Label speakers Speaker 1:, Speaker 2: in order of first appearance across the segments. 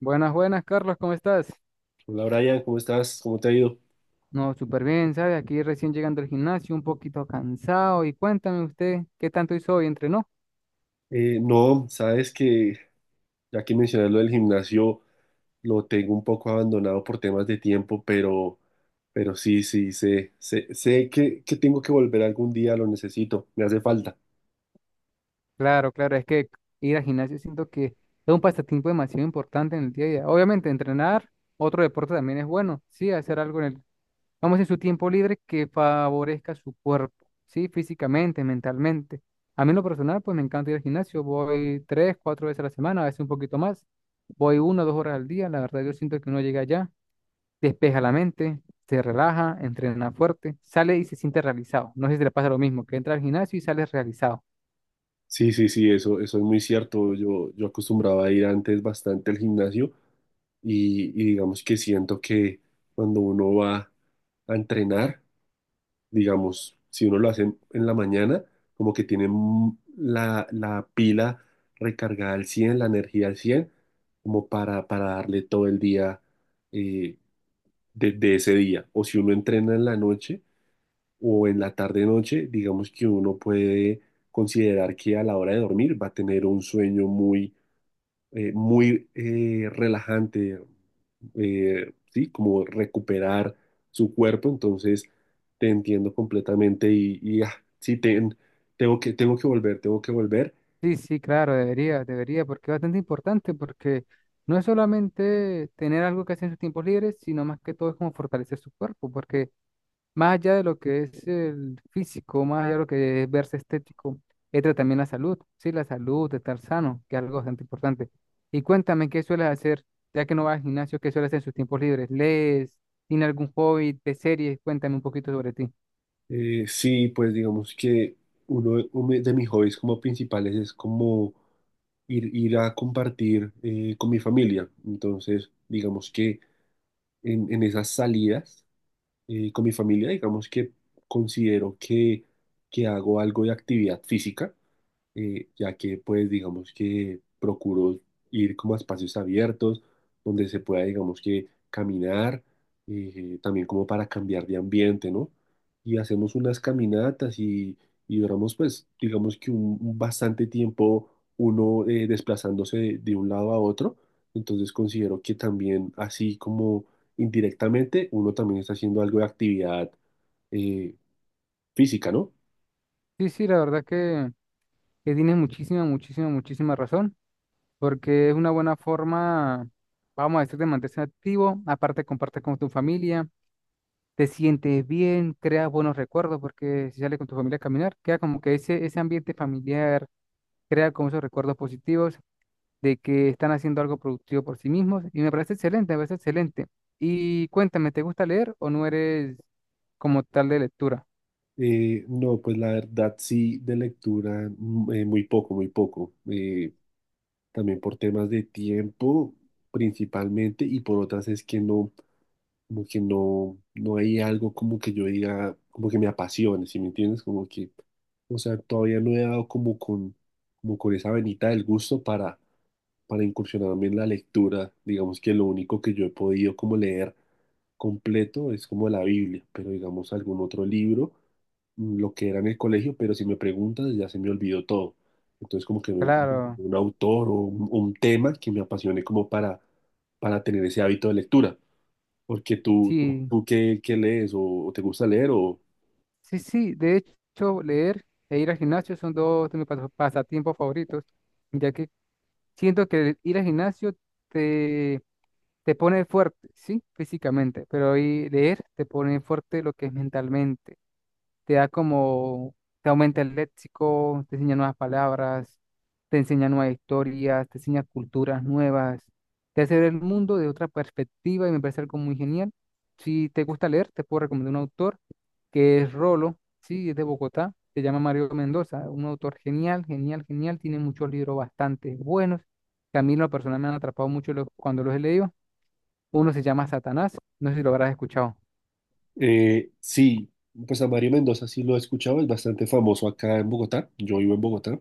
Speaker 1: Buenas, buenas, Carlos, ¿cómo estás?
Speaker 2: Hola Brian, ¿cómo estás? ¿Cómo te ha ido?
Speaker 1: No, súper bien, ¿sabe? Aquí recién llegando al gimnasio, un poquito cansado. Y cuéntame usted, ¿qué tanto hizo hoy? ¿Entrenó?
Speaker 2: No, sabes que ya que mencionas lo del gimnasio, lo tengo un poco abandonado por temas de tiempo, pero, pero sí, sé que tengo que volver algún día, lo necesito, me hace falta.
Speaker 1: Claro, claro, es que ir al gimnasio siento que es un pasatiempo demasiado importante en el día a día. Obviamente, entrenar, otro deporte también es bueno, sí, hacer algo en el, vamos en su tiempo libre que favorezca su cuerpo, sí, físicamente, mentalmente. A mí en lo personal, pues me encanta ir al gimnasio, voy tres, cuatro veces a la semana, a veces un poquito más, voy 1 o 2 horas al día, la verdad yo siento que uno llega allá despeja la mente, se relaja, entrena fuerte, sale y se siente realizado. No sé si te pasa lo mismo, que entra al gimnasio y sales realizado.
Speaker 2: Sí, sí, sí, eso es muy cierto. Yo acostumbraba a ir antes bastante al gimnasio y digamos que siento que cuando uno va a entrenar, digamos, si uno lo hace en la mañana, como que tiene la pila recargada al cien, la energía al 100 como para darle todo el día, eh, de ese día. O si uno entrena en la noche o en la tarde-noche, digamos que uno puede considerar que a la hora de dormir va a tener un sueño muy muy relajante, ¿sí? Como recuperar su cuerpo, entonces te entiendo completamente y, sí, tengo que volver, tengo que volver.
Speaker 1: Sí, sí, claro, debería, debería, porque es bastante importante, porque no es solamente tener algo que hacer en sus tiempos libres, sino más que todo es como fortalecer su cuerpo, porque más allá de lo que es el físico, más allá de lo que es verse estético, entra también la salud, sí, la salud, de estar sano, que es algo bastante importante. Y cuéntame, ¿qué sueles hacer, ya que no vas al gimnasio, qué sueles hacer en sus tiempos libres? ¿Lees? ¿Tiene algún hobby de series? Cuéntame un poquito sobre ti.
Speaker 2: Sí, pues digamos que uno de mis hobbies como principales es como ir a compartir con mi familia, entonces digamos que en esas salidas con mi familia, digamos que considero que hago algo de actividad física, ya que pues digamos que procuro ir como a espacios abiertos donde se pueda digamos que caminar, también como para cambiar de ambiente, ¿no? Y hacemos unas caminatas y duramos pues digamos que un bastante tiempo uno desplazándose de un lado a otro, entonces considero que también así como indirectamente uno también está haciendo algo de actividad eh, física, ¿no?
Speaker 1: Sí, sí, la verdad que tienes muchísima, muchísima, muchísima razón, porque es una buena forma, vamos a decir, de mantenerse activo, aparte compartes con tu familia, te sientes bien, creas buenos recuerdos, porque si sales con tu familia a caminar, queda como que ese ambiente familiar, crea como esos recuerdos positivos de que están haciendo algo productivo por sí mismos, y me parece excelente, me parece excelente. Y cuéntame, ¿te gusta leer o no eres como tal de lectura?
Speaker 2: No, pues la verdad sí, de lectura muy poco, muy poco. También por temas de tiempo principalmente y por otras es que no, como que no, no hay algo como que yo diga, como que me apasione, ¿sí me entiendes? Como que, o sea, todavía no he dado como con esa venita del gusto para incursionar también en la lectura. Digamos que lo único que yo he podido como leer completo es como la Biblia, pero digamos algún otro libro, mm, lo que era en el colegio, pero si me preguntas ya se me olvidó todo. Entonces como que no encuentro como
Speaker 1: Claro,
Speaker 2: un autor o un tema que me apasione como para tener ese hábito de lectura. Porque tú, tú,
Speaker 1: sí,
Speaker 2: tú qué, qué lees o te gusta leer o...
Speaker 1: sí, sí, de hecho, leer e ir al gimnasio son dos de mis pasatiempos favoritos, ya que siento que el ir al gimnasio te te pone fuerte, sí, físicamente, pero hoy leer te pone fuerte lo que es mentalmente. Te da como, te aumenta el léxico, te enseña nuevas palabras, te enseña nuevas historias, te enseña culturas nuevas, te hace ver el mundo de otra perspectiva y me parece algo muy genial. Si te gusta leer, te puedo recomendar un autor que es Rolo, sí, es de Bogotá, se llama Mario Mendoza, un autor genial, genial, genial, tiene muchos libros bastante buenos. Que A mí en lo personal me han atrapado mucho cuando los he leído. Uno se llama Satanás, no sé si lo habrás escuchado.
Speaker 2: Sí, pues a Mario Mendoza sí lo he escuchado, es bastante famoso acá en Bogotá, yo vivo en Bogotá,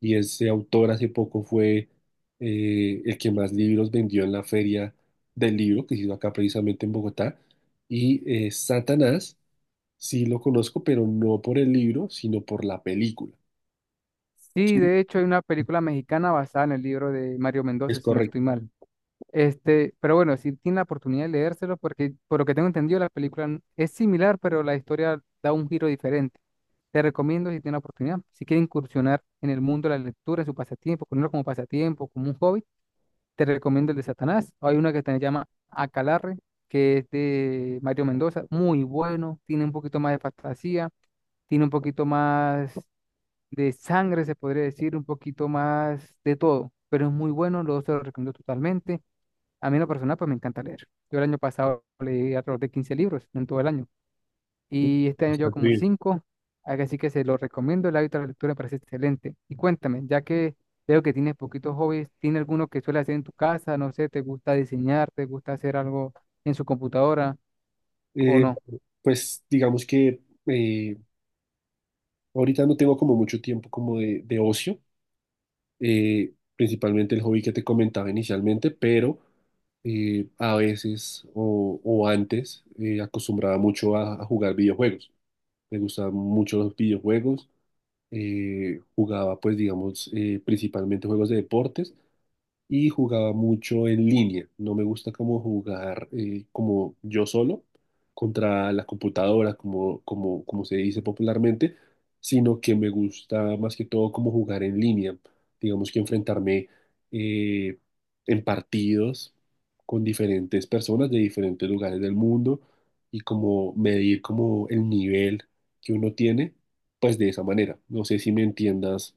Speaker 2: y ese autor hace poco fue el que más libros vendió en la feria del libro que se hizo acá precisamente en Bogotá. Y Satanás, sí lo conozco, pero no por el libro, sino por la película.
Speaker 1: Sí, de hecho hay una película mexicana basada en el libro de Mario
Speaker 2: Es
Speaker 1: Mendoza, si no
Speaker 2: correcto.
Speaker 1: estoy mal. Este, pero bueno, si tiene la oportunidad de leérselo, porque por lo que tengo entendido la película es similar, pero la historia da un giro diferente. Te recomiendo si tiene la oportunidad, si quiere incursionar en el mundo de la lectura, en su pasatiempo, ponerlo como pasatiempo, como un hobby, te recomiendo el de Satanás. Hay una que se llama Acalarre, que es de Mario Mendoza, muy bueno, tiene un poquito más de fantasía, tiene un poquito más de sangre, se podría decir, un poquito más de todo, pero es muy bueno, lo se lo recomiendo totalmente. A mí en lo personal, pues me encanta leer. Yo el año pasado leí alrededor de 15 libros en todo el año y este año llevo
Speaker 2: Bastante
Speaker 1: como
Speaker 2: bien.
Speaker 1: cinco, así que se lo recomiendo, el hábito de la lectura me parece excelente. Y cuéntame, ya que veo que tienes poquitos hobbies, ¿tiene alguno que suele hacer en tu casa? No sé, ¿te gusta diseñar? ¿Te gusta hacer algo en su computadora o
Speaker 2: Eh,
Speaker 1: no?
Speaker 2: pues digamos que eh, ahorita no tengo como mucho tiempo como de ocio, principalmente el hobby que te comentaba inicialmente, pero a veces o antes acostumbraba mucho a jugar videojuegos. Me gustaban mucho los videojuegos. Jugaba, pues, digamos, principalmente juegos de deportes y jugaba mucho en línea. No me gusta como jugar, como yo solo contra la computadora, como, como, como se dice popularmente, sino que me gusta más que todo como jugar en línea. Digamos que enfrentarme eh, en partidos con diferentes personas de diferentes lugares del mundo y como medir como el nivel que uno tiene, pues de esa manera. No sé si me entiendas.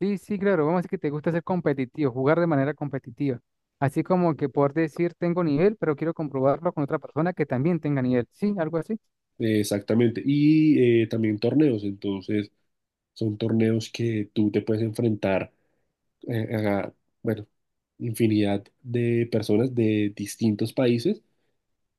Speaker 1: Sí, sí, claro, vamos a decir que te gusta ser competitivo, jugar de manera competitiva. Así como que poder decir, tengo nivel, pero quiero comprobarlo con otra persona que también tenga nivel. Sí, algo así.
Speaker 2: Exactamente. Y también torneos, entonces son torneos que tú te puedes enfrentar a, bueno, infinidad de personas de distintos países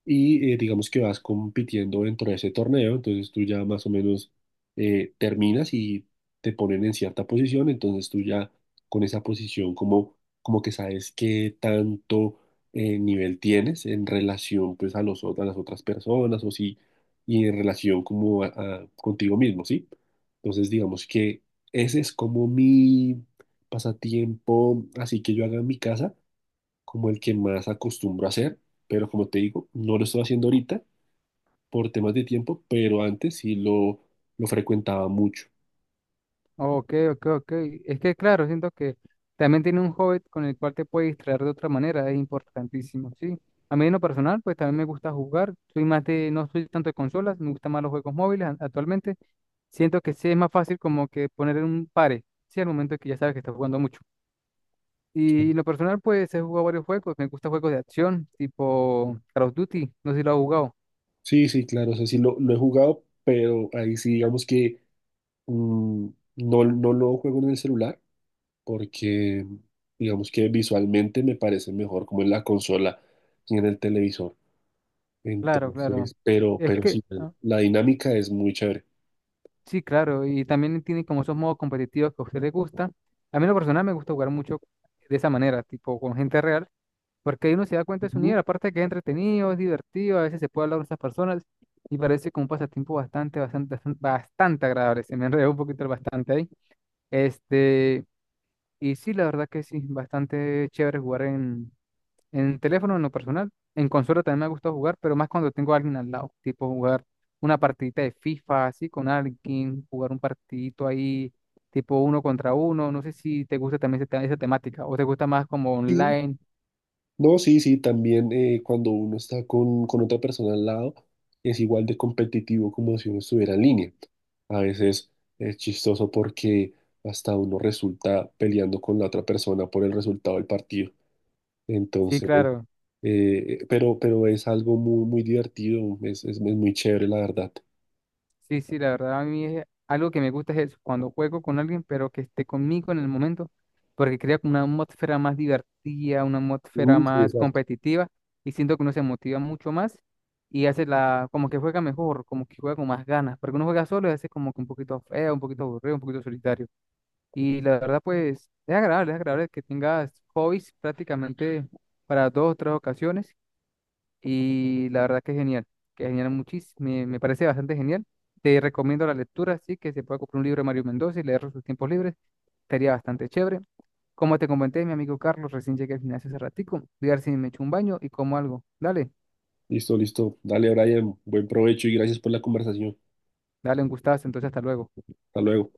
Speaker 2: y digamos que vas compitiendo dentro de ese torneo, entonces tú ya más o menos terminas y te ponen en cierta posición, entonces tú ya con esa posición como, como que sabes qué tanto nivel tienes en relación pues a los, a las otras personas o sí, y en relación como contigo mismo, ¿sí? Entonces digamos que ese es como mi pasatiempo, así que yo haga en mi casa como el que más acostumbro a hacer, pero como te digo, no lo estoy haciendo ahorita por temas de tiempo, pero antes sí lo frecuentaba mucho.
Speaker 1: Ok, ok, ok. Es que, claro, siento que también tiene un hobby con el cual te puedes distraer de otra manera, es importantísimo, sí. A mí en lo personal, pues también me gusta jugar. Soy más de, no soy tanto de consolas, me gustan más los juegos móviles actualmente. Siento que sí es más fácil como que poner en un pare, sí, al momento que ya sabes que estás jugando mucho. Y en lo personal, pues he jugado varios juegos. Me gustan juegos de acción, tipo Call of Duty. No sé si lo has jugado.
Speaker 2: Sí, sí, claro, o sea, sí lo he jugado, pero ahí sí digamos que mm, no, no lo juego en el celular porque digamos que visualmente me parece mejor como en la consola y en el televisor.
Speaker 1: Claro, claro.
Speaker 2: Entonces,
Speaker 1: Es
Speaker 2: pero
Speaker 1: que,
Speaker 2: sí,
Speaker 1: ah,
Speaker 2: la dinámica es muy chévere.
Speaker 1: sí, claro. Y también tiene como esos modos competitivos que a usted le gusta. A mí en lo personal me gusta jugar mucho de esa manera, tipo con gente real, porque ahí uno se da cuenta de su
Speaker 2: Ujú.
Speaker 1: nivel. Aparte de que es entretenido, es divertido, a veces se puede hablar con esas personas y parece como un pasatiempo bastante, bastante, bastante agradable. Se me enredó un poquito el bastante ahí. Este, y sí, la verdad que sí, bastante chévere jugar en teléfono, en lo personal, en consola también me gusta jugar, pero más cuando tengo a alguien al lado, tipo jugar una partidita de FIFA así con alguien, jugar un partidito ahí, tipo uno contra uno. No sé si te gusta también esa, esa temática o te gusta más como
Speaker 2: Sí,
Speaker 1: online.
Speaker 2: no, sí, sí, también cuando uno está con otra persona al lado es igual de competitivo como si uno estuviera en línea. A veces es chistoso porque hasta uno resulta peleando con la otra persona por el resultado del partido.
Speaker 1: Sí,
Speaker 2: Entonces,
Speaker 1: claro.
Speaker 2: pero es algo muy, muy divertido, es muy chévere, la verdad.
Speaker 1: Sí, sí, la verdad a mí es algo que me gusta es eso, cuando juego con alguien, pero que esté conmigo en el momento, porque crea como una atmósfera más divertida, una atmósfera
Speaker 2: Mm, sí,
Speaker 1: más
Speaker 2: exacto.
Speaker 1: competitiva, y siento que uno se motiva mucho más y hace la, como que juega mejor, como que juega con más ganas, porque uno juega solo y hace como que un poquito feo, un poquito aburrido, un poquito solitario. Y la verdad, pues, es agradable que tengas hobbies prácticamente para dos o tres ocasiones y la verdad que es genial muchísimo, me parece bastante genial. Te recomiendo la lectura, sí, que se pueda comprar un libro de Mario Mendoza y leerlo en sus tiempos libres, estaría bastante chévere. Como te comenté, mi amigo Carlos, recién llegué al gimnasio hace ratico, voy a ver si me echo un baño y como algo. Dale,
Speaker 2: Listo, listo. Dale, Brian, buen provecho y gracias por la conversación.
Speaker 1: dale un gustazo, entonces hasta luego.
Speaker 2: Hasta luego.